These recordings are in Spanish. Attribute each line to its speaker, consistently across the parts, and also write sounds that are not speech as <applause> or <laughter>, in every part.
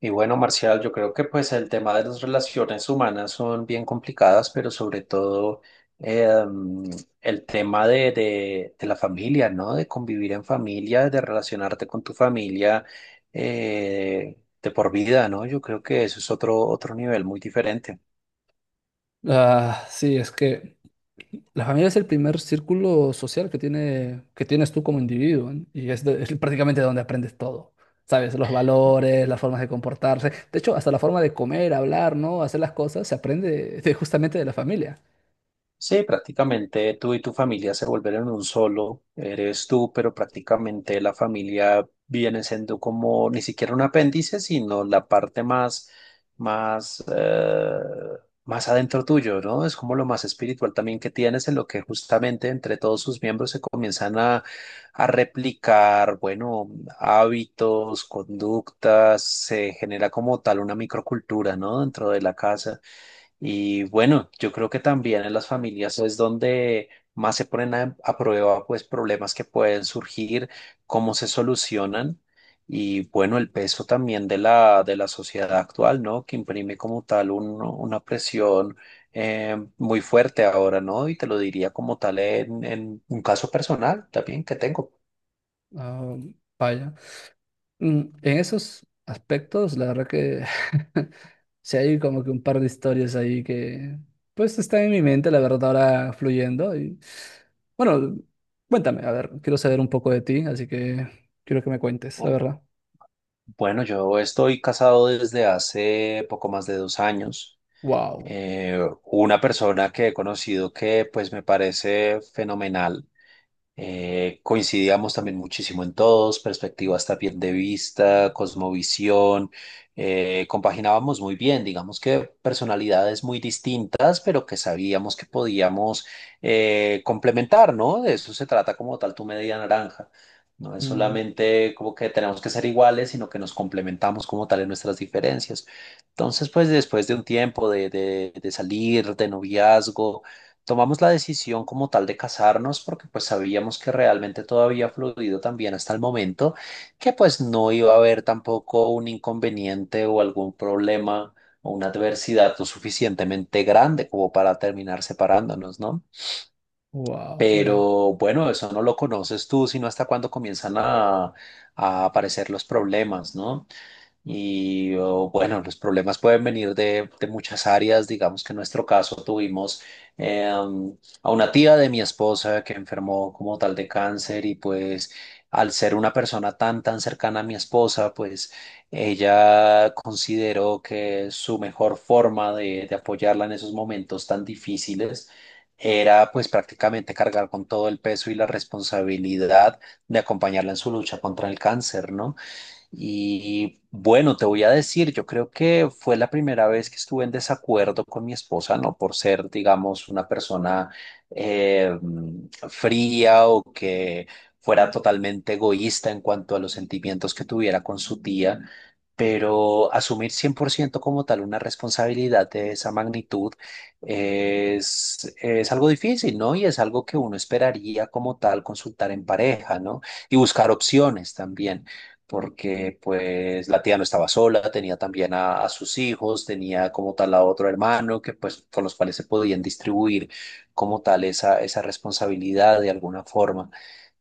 Speaker 1: Y bueno, Marcial, yo creo que pues el tema de las relaciones humanas son bien complicadas, pero sobre todo eh, mm, el tema de la familia, ¿no? De convivir en familia, de relacionarte con tu familia de por vida, ¿no? Yo creo que eso es otro nivel muy diferente.
Speaker 2: Ah, sí, es que la familia es el primer círculo social que tiene, que tienes tú como individuo, ¿eh? Y es, es prácticamente donde aprendes todo, ¿sabes? Los valores, las formas de comportarse, de hecho, hasta la forma de comer, hablar, ¿no? Hacer las cosas, se aprende justamente de la familia.
Speaker 1: Sí, prácticamente tú y tu familia se volvieron un solo, eres tú, pero prácticamente la familia viene siendo como ni siquiera un apéndice, sino la parte más, eh, más adentro tuyo, ¿no? Es como lo más espiritual también que tienes, en lo que justamente entre todos sus miembros se comienzan a replicar, bueno, hábitos, conductas, se genera como tal una microcultura, ¿no? Dentro de la casa. Y bueno, yo creo que también en las familias es donde más se ponen a prueba pues problemas que pueden surgir, cómo se solucionan y bueno, el peso también de la sociedad actual, ¿no? Que imprime como tal una presión muy fuerte ahora, ¿no? Y te lo diría como tal en un caso personal también que tengo.
Speaker 2: Ah, vaya. En esos aspectos, la verdad que <laughs> sí hay como que un par de historias ahí que pues están en mi mente, la verdad, ahora fluyendo. Y bueno, cuéntame, a ver, quiero saber un poco de ti, así que quiero que me cuentes, la verdad.
Speaker 1: Bueno, yo estoy casado desde hace poco más de 2 años.
Speaker 2: Wow.
Speaker 1: Eh, una persona que he conocido que pues me parece fenomenal coincidíamos también muchísimo en todos, perspectivas también de vista, cosmovisión, compaginábamos muy bien, digamos que personalidades muy distintas, pero que sabíamos que podíamos complementar, ¿no? De eso se trata como tal tu media naranja. No es
Speaker 2: Mm,
Speaker 1: solamente como que tenemos que ser iguales, sino que nos complementamos como tal en nuestras diferencias. Entonces, pues después de un tiempo de salir, de noviazgo, tomamos la decisión como tal de casarnos porque pues sabíamos que realmente todo había fluido también hasta el momento, que pues no iba a haber tampoco un inconveniente o algún problema o una adversidad lo suficientemente grande como para terminar separándonos, ¿no?
Speaker 2: wow, vaya.
Speaker 1: Pero bueno, eso no lo conoces tú, sino hasta cuando comienzan a aparecer los problemas, ¿no? Y oh, bueno, los problemas pueden venir de muchas áreas. Digamos que en nuestro caso tuvimos eh, a una tía de mi esposa que enfermó como tal de cáncer y pues al ser una persona tan, tan cercana a mi esposa, pues ella consideró que su mejor forma de apoyarla en esos momentos tan difíciles era pues prácticamente cargar con todo el peso y la responsabilidad de acompañarla en su lucha contra el cáncer, ¿no? Y bueno, te voy a decir, yo creo que fue la primera vez que estuve en desacuerdo con mi esposa, no por ser, digamos, una persona eh, fría o que fuera totalmente egoísta en cuanto a los sentimientos que tuviera con su tía, pero asumir 100% como tal una responsabilidad de esa magnitud es algo difícil, ¿no? Y es algo que uno esperaría como tal consultar en pareja, ¿no? Y buscar opciones también porque pues la tía no estaba sola, tenía también a sus hijos, tenía como tal a otro hermano que pues con los cuales se podían distribuir como tal esa responsabilidad de alguna forma.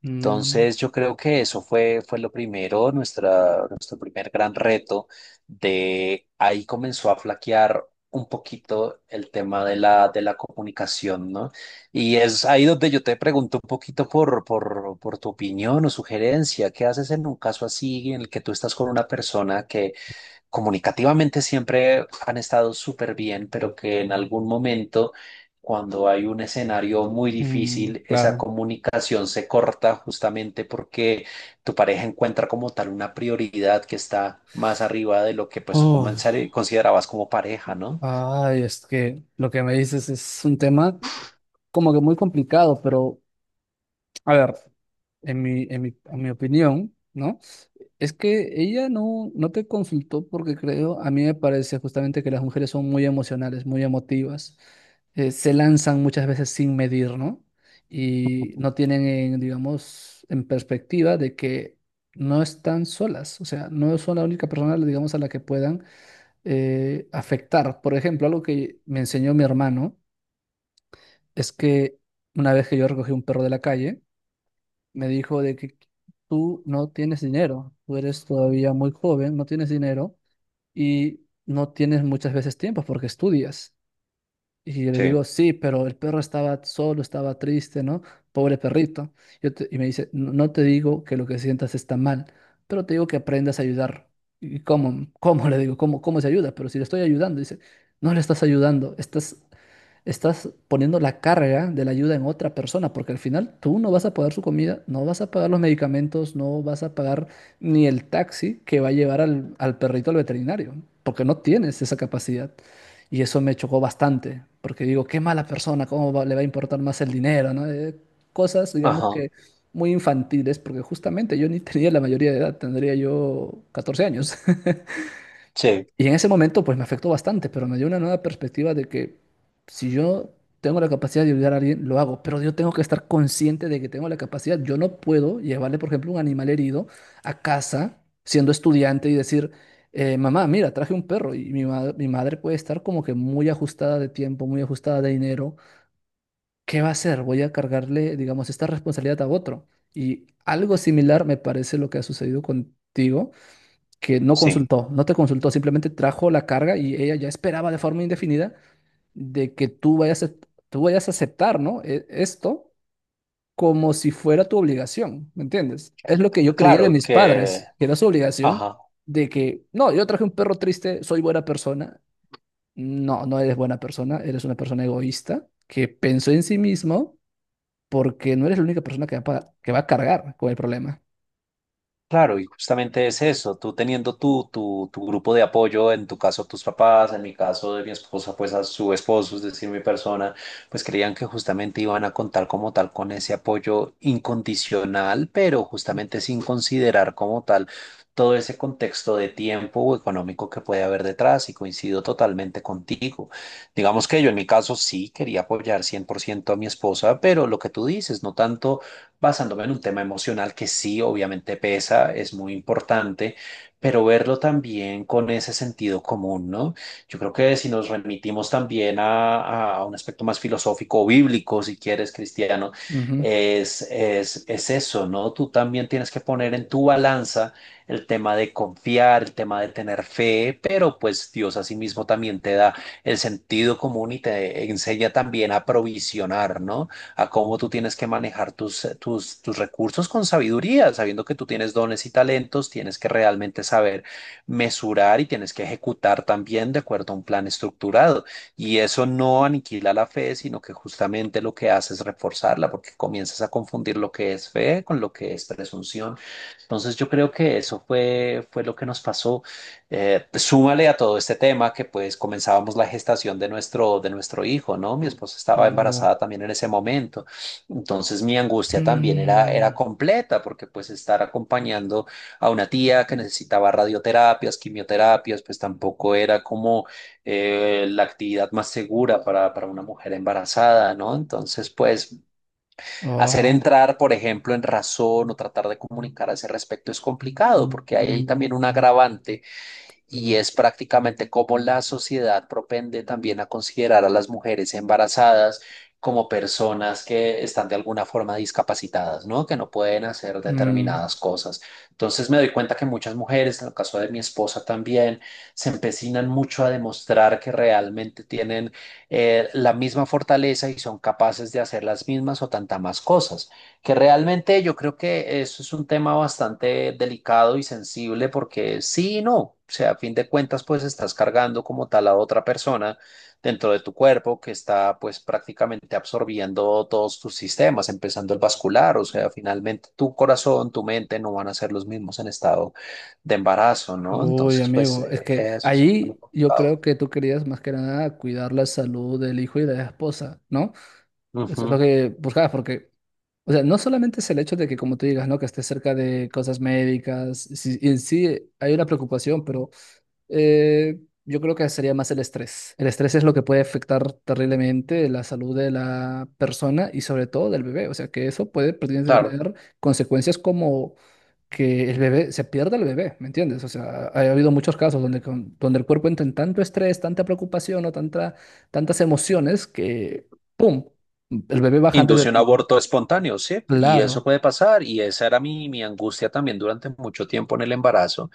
Speaker 2: Mm,
Speaker 1: Entonces, yo creo que eso fue lo primero, nuestro primer gran reto de ahí comenzó a flaquear un poquito el tema de la comunicación, ¿no? Y es ahí donde yo te pregunto un poquito por tu opinión o sugerencia. ¿Qué haces en un caso así en el que tú estás con una persona que comunicativamente siempre han estado súper bien, pero que en algún momento, cuando hay un escenario muy
Speaker 2: mm,
Speaker 1: difícil, esa
Speaker 2: claro.
Speaker 1: comunicación se corta justamente porque tu pareja encuentra como tal una prioridad que está más arriba de lo que pues como
Speaker 2: Oh,
Speaker 1: en serio considerabas como pareja, ¿no?
Speaker 2: ay, es que lo que me dices es un tema como que muy complicado, pero a ver. En mi opinión, ¿no? Es que ella no te consultó porque creo, a mí me parece justamente que las mujeres son muy emocionales, muy emotivas, se lanzan muchas veces sin medir, ¿no? Y
Speaker 1: Ujú.
Speaker 2: no tienen, en, digamos, en perspectiva de que no están solas, o sea, no son la única persona, digamos, a la que puedan afectar. Por ejemplo, algo que me enseñó mi hermano es que una vez que yo recogí un perro de la calle, me dijo de que tú no tienes dinero, tú eres todavía muy joven, no tienes dinero y no tienes muchas veces tiempo porque estudias. Y yo le
Speaker 1: Sí.
Speaker 2: digo, sí, pero el perro estaba solo, estaba triste, ¿no? Pobre perrito. Y me dice, no te digo que lo que sientas está mal, pero te digo que aprendas a ayudar. ¿Y cómo? ¿Cómo le digo? ¿Cómo se ayuda? Pero si le estoy ayudando, dice, no le estás ayudando, estás poniendo la carga de la ayuda en otra persona, porque al final tú no vas a pagar su comida, no vas a pagar los medicamentos, no vas a pagar ni el taxi que va a llevar al perrito al veterinario, porque no tienes esa capacidad. Y eso me chocó bastante, porque digo, qué mala persona, cómo le va a importar más el dinero, ¿no? Cosas, digamos
Speaker 1: Ajá,
Speaker 2: que muy infantiles, porque justamente yo ni tenía la mayoría de edad, tendría yo 14 años. <laughs>
Speaker 1: sí,
Speaker 2: Y en ese momento, pues me afectó bastante, pero me dio una nueva perspectiva de que si yo tengo la capacidad de ayudar a alguien, lo hago, pero yo tengo que estar consciente de que tengo la capacidad. Yo no puedo llevarle, por ejemplo, un animal herido a casa siendo estudiante y decir, mamá, mira, traje un perro y mi madre puede estar como que muy ajustada de tiempo, muy ajustada de dinero. ¿Qué va a hacer? Voy a cargarle, digamos, esta responsabilidad a otro. Y algo similar me parece lo que ha sucedido contigo que no
Speaker 1: sí.
Speaker 2: consultó, no te consultó, simplemente trajo la carga y ella ya esperaba de forma indefinida de que tú vayas a aceptar, ¿no? Esto como si fuera tu obligación, ¿me entiendes? Es lo que yo creía de
Speaker 1: Claro
Speaker 2: mis
Speaker 1: que,
Speaker 2: padres, que era su obligación
Speaker 1: ajá.
Speaker 2: de que, no, yo traje un perro triste, soy buena persona. No, no eres buena persona, eres una persona egoísta que pensó en sí mismo porque no eres la única persona que que va a cargar con el problema.
Speaker 1: Claro, y justamente es eso, tú teniendo tu grupo de apoyo, en tu caso tus papás, en mi caso de mi esposa, pues a su esposo, es decir, mi persona, pues creían que justamente iban a contar como tal con ese apoyo incondicional, pero justamente sin considerar como tal todo ese contexto de tiempo o económico que puede haber detrás, y coincido totalmente contigo. Digamos que yo en mi caso sí quería apoyar 100% a mi esposa, pero lo que tú dices, no tanto basándome en un tema emocional que sí, obviamente pesa, es muy importante, pero verlo también con ese sentido común, ¿no? Yo creo que si nos remitimos también a un aspecto más filosófico o bíblico, si quieres, cristiano,
Speaker 2: Ujú.
Speaker 1: es eso, ¿no? Tú también tienes que poner en tu balanza el tema de confiar, el tema de tener fe, pero pues Dios asimismo también te da el sentido común y te enseña también a provisionar, ¿no? A cómo tú tienes que manejar tus recursos con sabiduría, sabiendo que tú tienes dones y talentos, tienes que realmente saber mesurar y tienes que ejecutar también de acuerdo a un plan estructurado. Y eso no aniquila la fe, sino que justamente lo que hace es reforzarla, porque comienzas a confundir lo que es fe con lo que es presunción. Entonces yo creo que eso fue lo que nos pasó. Pues, súmale a todo este tema que pues comenzábamos la gestación de nuestro hijo, ¿no? Mi esposa estaba
Speaker 2: Oh.
Speaker 1: embarazada también en ese momento. Entonces mi angustia también era
Speaker 2: Mm.
Speaker 1: completa porque pues estar acompañando a una tía que necesitaba radioterapias, quimioterapias, pues tampoco era como la actividad más segura para una mujer embarazada, ¿no? Entonces pues hacer
Speaker 2: Oh.
Speaker 1: entrar, por ejemplo, en razón o tratar de comunicar a ese respecto es complicado porque hay ahí también un agravante y es prácticamente cómo la sociedad propende también a considerar a las mujeres embarazadas como personas que están de alguna forma discapacitadas, ¿no? Que no pueden hacer
Speaker 2: Mm,
Speaker 1: determinadas cosas. Entonces me doy cuenta que muchas mujeres, en el caso de mi esposa también, se empecinan mucho a demostrar que realmente tienen la misma fortaleza y son capaces de hacer las mismas o tantas más cosas, que realmente yo creo que eso es un tema bastante delicado y sensible porque sí y no, o sea, a fin de cuentas pues estás cargando como tal a otra persona dentro de tu cuerpo que está pues prácticamente absorbiendo todos tus sistemas, empezando el vascular, o sea, finalmente tu corazón, tu mente no van a ser los mismos en estado de embarazo, ¿no?
Speaker 2: uy,
Speaker 1: Entonces pues
Speaker 2: amigo, es que
Speaker 1: eso es un poco
Speaker 2: allí yo
Speaker 1: complicado.
Speaker 2: creo que tú querías más que nada cuidar la salud del hijo y de la esposa, ¿no? Eso es lo
Speaker 1: Ujú,
Speaker 2: que buscabas, porque, o sea, no solamente es el hecho de que, como tú digas, ¿no? Que estés cerca de cosas médicas, sí, y en sí hay una preocupación, pero yo creo que sería más el estrés. El estrés es lo que puede afectar terriblemente la salud de la persona y sobre todo del bebé, o sea, que eso puede prácticamente
Speaker 1: claro.
Speaker 2: tener consecuencias como que se pierda el bebé, ¿me entiendes? O sea, habido muchos casos donde, donde el cuerpo entra en tanto estrés, tanta preocupación o tantas emociones que, ¡pum!, el bebé baja antes de
Speaker 1: Induce un
Speaker 2: tiempo.
Speaker 1: aborto espontáneo, ¿sí? Y eso
Speaker 2: Claro,
Speaker 1: puede pasar, y esa era mi angustia también durante mucho tiempo en el embarazo.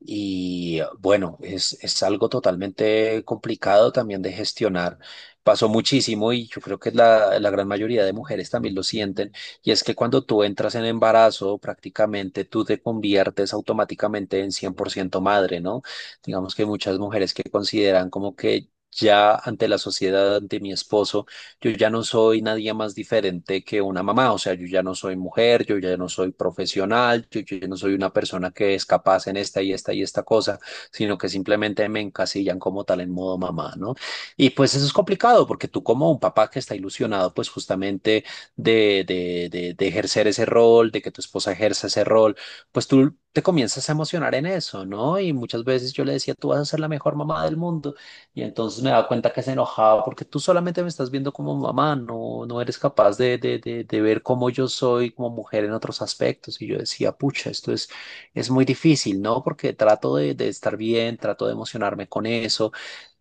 Speaker 1: Y bueno, es algo totalmente complicado también de gestionar. Pasó muchísimo y yo creo que la gran mayoría de mujeres también lo sienten. Y es que cuando tú entras en embarazo, prácticamente tú te conviertes automáticamente en 100% madre, ¿no? Digamos que hay muchas mujeres que consideran como que ya ante la sociedad, ante mi esposo, yo ya no soy nadie más diferente que una mamá, o sea, yo ya no soy mujer, yo ya no soy profesional, yo ya no soy una persona que es capaz en esta y esta y esta cosa, sino que simplemente me encasillan como tal en modo mamá, ¿no? Y pues eso es complicado porque tú como un papá que está ilusionado pues justamente de ejercer ese rol, de que tu esposa ejerza ese rol, pues tú te comienzas a emocionar en eso, ¿no? Y muchas veces yo le decía, tú vas a ser la mejor mamá del mundo. Y entonces me daba cuenta que se enojaba porque tú solamente me estás viendo como mamá, no, no eres capaz de ver cómo yo soy como mujer en otros aspectos. Y yo decía, pucha, esto es muy difícil, ¿no? Porque trato de estar bien, trato de emocionarme con eso,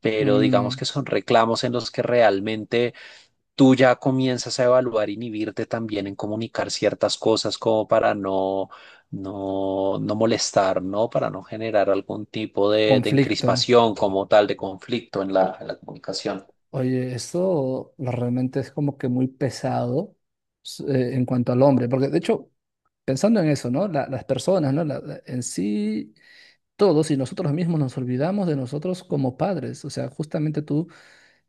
Speaker 1: pero digamos
Speaker 2: mm,
Speaker 1: que son reclamos en los que realmente tú ya comienzas a evaluar, inhibirte también en comunicar ciertas cosas como para no no, no molestar, ¿no? Para no generar algún tipo de
Speaker 2: conflicto.
Speaker 1: encrispación como tal, de conflicto en la comunicación.
Speaker 2: Oye, esto realmente es como que muy pesado en cuanto al hombre, porque de hecho, pensando en eso, ¿no? Las personas, ¿no? En sí, todos y nosotros mismos nos olvidamos de nosotros como padres. O sea, justamente tú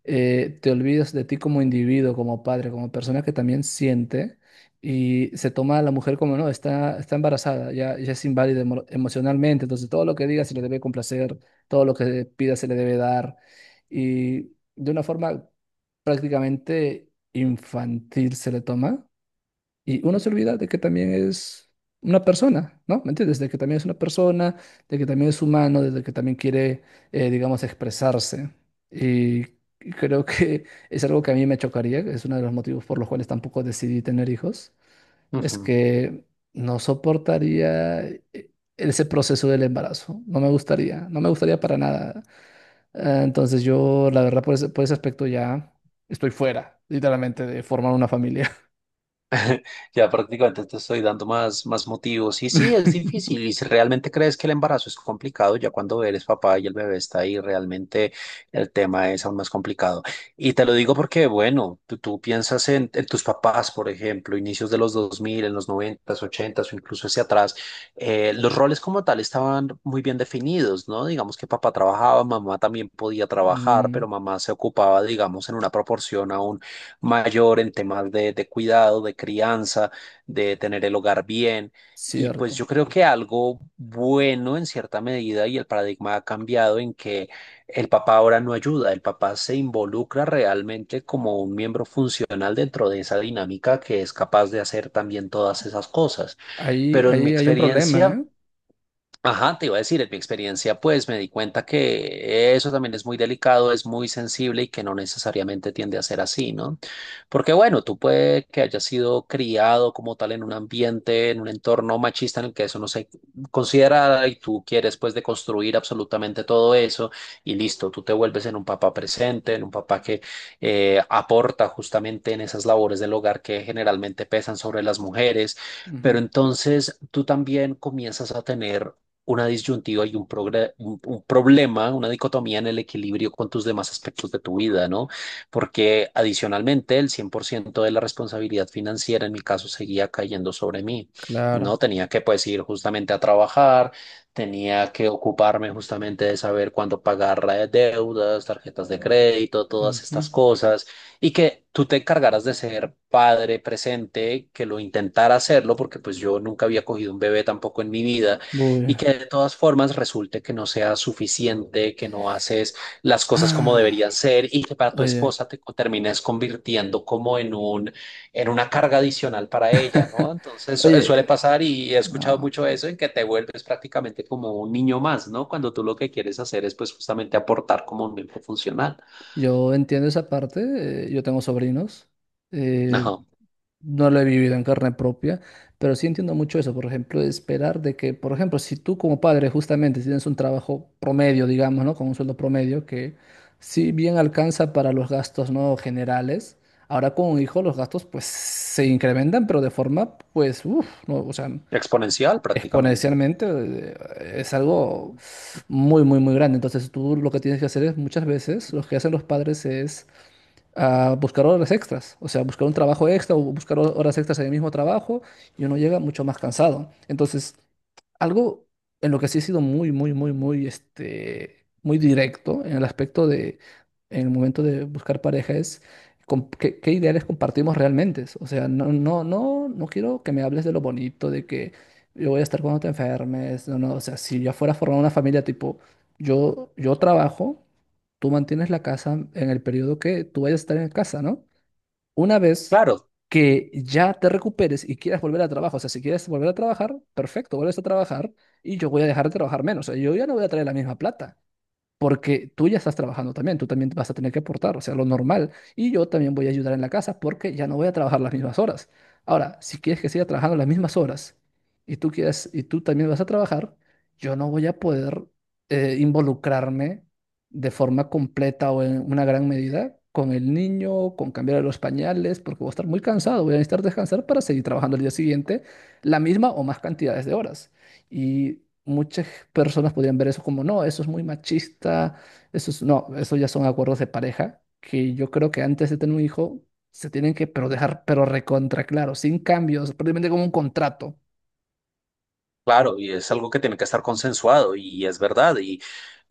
Speaker 2: te olvidas de ti como individuo, como padre, como persona que también siente y se toma a la mujer como, no, está embarazada, ya es inválida emocionalmente, entonces todo lo que diga se le debe complacer, todo lo que pida se le debe dar y de una forma prácticamente infantil se le toma. Y uno se olvida de que también es una persona, ¿no? ¿Me entiendes? De que también es una persona, de que también es humano, de que también quiere, digamos, expresarse. Y creo que <laughs> es algo que a mí me chocaría, es uno de los motivos por los cuales tampoco decidí tener hijos, es
Speaker 1: Ujú.
Speaker 2: que no soportaría ese proceso del embarazo, no me gustaría, no me gustaría para nada. Entonces yo, la verdad, por ese aspecto ya estoy fuera, literalmente, de formar una familia.
Speaker 1: Ya prácticamente te estoy dando más, más motivos. Y sí, es
Speaker 2: <laughs>
Speaker 1: difícil. Y si realmente crees que el embarazo es complicado, ya cuando eres papá y el bebé está ahí, realmente el tema es aún más complicado. Y te lo digo porque, bueno, tú piensas en tus papás, por ejemplo, inicios de los 2000 en los 90, 80 o incluso hacia atrás, los roles como tal estaban muy bien definidos, ¿no? Digamos que papá trabajaba, mamá también podía trabajar,
Speaker 2: Mm.
Speaker 1: pero mamá se ocupaba, digamos, en una proporción aún mayor en temas de cuidado, de crianza, de tener el hogar bien. Y pues
Speaker 2: Cierto.
Speaker 1: yo creo que algo bueno en cierta medida y el paradigma ha cambiado en que el papá ahora no ayuda, el papá se involucra realmente como un miembro funcional dentro de esa dinámica que es capaz de hacer también todas esas cosas.
Speaker 2: Ahí,
Speaker 1: Pero en mi
Speaker 2: ahí hay un problema,
Speaker 1: experiencia...
Speaker 2: ¿eh?
Speaker 1: Ajá, te iba a decir, en mi experiencia, pues me di cuenta que eso también es muy delicado, es muy sensible y que no necesariamente tiende a ser así, ¿no? Porque bueno, tú puede que hayas sido criado como tal en un ambiente, en un entorno machista en el que eso no se considera y tú quieres pues deconstruir absolutamente todo eso y listo, tú te vuelves en un papá presente, en un papá que aporta justamente en esas labores del hogar que generalmente pesan sobre las mujeres. Pero
Speaker 2: Ujú,
Speaker 1: entonces tú también comienzas a tener una disyuntiva y un problema, una dicotomía en el equilibrio con tus demás aspectos de tu vida, ¿no? Porque adicionalmente el 100% de la responsabilidad financiera en mi caso seguía cayendo sobre mí, ¿no?
Speaker 2: claro.
Speaker 1: Tenía que pues ir justamente a trabajar, tenía que ocuparme justamente de saber cuándo pagar deudas, tarjetas de crédito, todas
Speaker 2: Ujú.
Speaker 1: estas cosas, y que tú te encargaras de ser padre presente, que lo intentara hacerlo, porque pues yo nunca había cogido un bebé tampoco en mi vida
Speaker 2: Uy.
Speaker 1: y que de todas formas resulte que no sea suficiente, que no haces las cosas como
Speaker 2: Ah,
Speaker 1: deberían ser y que para tu
Speaker 2: oye.
Speaker 1: esposa termines convirtiendo como en un, en una carga adicional para ella, ¿no?
Speaker 2: <laughs>
Speaker 1: Entonces suele
Speaker 2: Oye,
Speaker 1: pasar y he escuchado
Speaker 2: no.
Speaker 1: mucho eso en que te vuelves prácticamente como un niño más, ¿no? Cuando tú lo que quieres hacer es pues justamente aportar como un miembro funcional.
Speaker 2: Yo entiendo esa parte. Yo tengo sobrinos. eh,
Speaker 1: Ajá.
Speaker 2: No lo he vivido en carne propia, pero sí entiendo mucho eso, por ejemplo, de esperar de que, por ejemplo, si tú como padre justamente tienes un trabajo promedio, digamos, ¿no? Con un sueldo promedio que si bien alcanza para los gastos, ¿no? generales, ahora con un hijo los gastos pues se incrementan, pero de forma pues, uff, ¿no? O sea,
Speaker 1: Exponencial prácticamente.
Speaker 2: exponencialmente es algo muy grande. Entonces tú lo que tienes que hacer es muchas veces, lo que hacen los padres es a buscar horas extras, o sea, buscar un trabajo extra o buscar horas extras en el mismo trabajo y uno llega mucho más cansado. Entonces, algo en lo que sí he sido muy directo en el aspecto de, en el momento de buscar pareja es qué, qué ideales compartimos realmente. O sea, no quiero que me hables de lo bonito, de que yo voy a estar cuando te enfermes, no, no, o sea, si yo fuera a formar una familia tipo, yo trabajo tú mantienes la casa en el periodo que tú vayas a estar en casa, ¿no? Una vez
Speaker 1: Claro,
Speaker 2: que ya te recuperes y quieras volver a trabajo, o sea, si quieres volver a trabajar, perfecto, vuelves a trabajar y yo voy a dejar de trabajar menos, o sea, yo ya no voy a traer la misma plata porque tú ya estás trabajando también, tú también vas a tener que aportar, o sea, lo normal, y yo también voy a ayudar en la casa porque ya no voy a trabajar las mismas horas. Ahora, si quieres que siga trabajando las mismas horas y tú quieres y tú también vas a trabajar, yo no voy a poder involucrarme de forma completa o en una gran medida con el niño, con cambiar los pañales, porque voy a estar muy cansado, voy a necesitar descansar para seguir trabajando el día siguiente la misma o más cantidades de horas. Y muchas personas podrían ver eso como, no, eso es muy machista, eso es, no, eso ya son acuerdos de pareja, que yo creo que antes de tener un hijo se tienen que pero dejar, pero recontra claro, sin cambios, prácticamente como un contrato.
Speaker 1: claro, y es algo que tiene que estar consensuado y es verdad. Y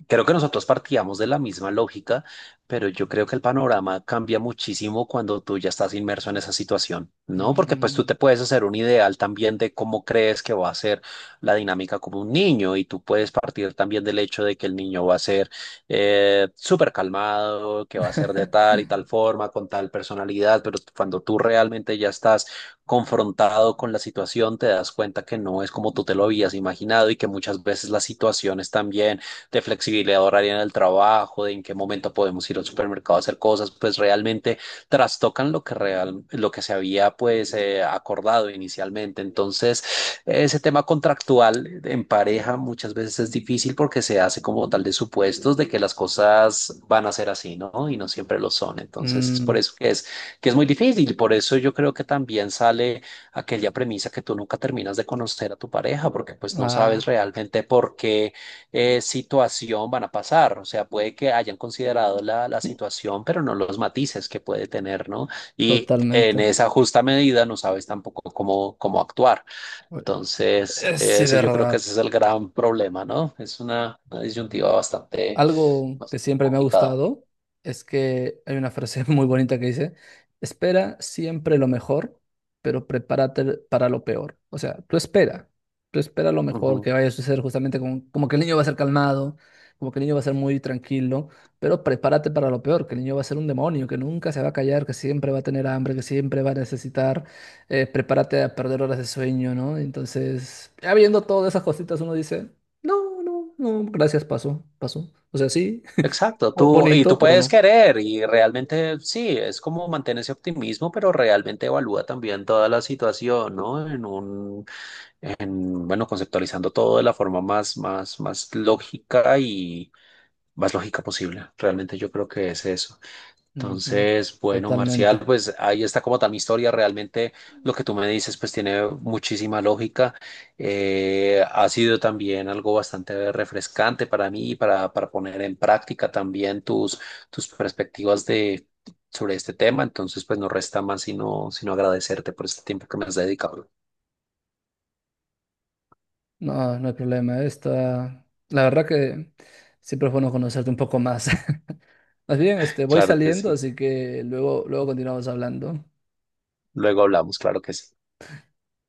Speaker 1: creo que nosotros partíamos de la misma lógica, pero yo creo que el panorama cambia muchísimo cuando tú ya estás inmerso en esa situación, ¿no? Porque pues tú
Speaker 2: Mm,
Speaker 1: te puedes hacer un ideal también de cómo crees que va a ser la dinámica como un niño y tú puedes partir también del hecho de que el niño va a ser súper calmado, que va a ser de
Speaker 2: <laughs>
Speaker 1: tal y tal forma, con tal personalidad, pero cuando tú realmente ya estás confrontado con la situación, te das cuenta que no es como tú te lo habías imaginado y que muchas veces las situaciones también de flexibilidad horaria en el trabajo, de en qué momento podemos ir al supermercado a hacer cosas, pues realmente trastocan lo que real, lo que se había pues acordado inicialmente. Entonces, ese tema contractual en pareja muchas veces es difícil porque se hace como tal de supuestos de que las cosas van a ser así, ¿no? Y no siempre lo son. Entonces, es por
Speaker 2: mm,
Speaker 1: eso que es muy difícil. Por eso yo creo que también sale aquella premisa que tú nunca terminas de conocer a tu pareja, porque pues no sabes
Speaker 2: ah,
Speaker 1: realmente por qué situación van a pasar. O sea, puede que hayan considerado la situación, pero no los matices que puede tener, ¿no? Y en
Speaker 2: totalmente.
Speaker 1: esa justa medida no sabes tampoco cómo, cómo actuar. Entonces,
Speaker 2: Sí, de
Speaker 1: ese yo creo que
Speaker 2: verdad.
Speaker 1: ese es el gran problema, ¿no? Es una disyuntiva bastante,
Speaker 2: Algo que
Speaker 1: bastante
Speaker 2: siempre me ha
Speaker 1: complicada.
Speaker 2: gustado es que hay una frase <laughs> muy bonita que dice, espera siempre lo mejor, pero prepárate para lo peor. O sea, tú espera lo mejor
Speaker 1: Ujú.
Speaker 2: que vaya a suceder justamente como, como que el niño va a ser calmado, como que el niño va a ser muy tranquilo, pero prepárate para lo peor, que el niño va a ser un demonio, que nunca se va a callar, que siempre va a tener hambre, que siempre va a necesitar, prepárate a perder horas de sueño, ¿no? Entonces, ya viendo todas esas cositas uno dice... No, no, no, gracias, pasó, pasó. O sea, sí,
Speaker 1: Exacto, tú y
Speaker 2: bonito,
Speaker 1: tú
Speaker 2: pero
Speaker 1: puedes
Speaker 2: no.
Speaker 1: querer y realmente sí, es como mantener ese optimismo, pero realmente evalúa también toda la situación, ¿no? Bueno, conceptualizando todo de la forma más, más, más lógica y más lógica posible. Realmente yo creo que es eso.
Speaker 2: Ujú,
Speaker 1: Entonces, bueno, Marcial,
Speaker 2: totalmente.
Speaker 1: pues ahí está como tal mi historia. Realmente lo que tú me dices, pues tiene muchísima lógica. Ha sido también algo bastante refrescante para mí, para poner en práctica también tus, tus perspectivas de... sobre este tema, entonces pues no resta más sino, sino agradecerte por este tiempo que me has dedicado.
Speaker 2: No, no hay problema. Esta, la verdad que siempre es bueno conocerte un poco más. <laughs> Más bien, este, voy
Speaker 1: Claro que
Speaker 2: saliendo,
Speaker 1: sí.
Speaker 2: así que luego, luego continuamos hablando.
Speaker 1: Luego hablamos, claro que sí.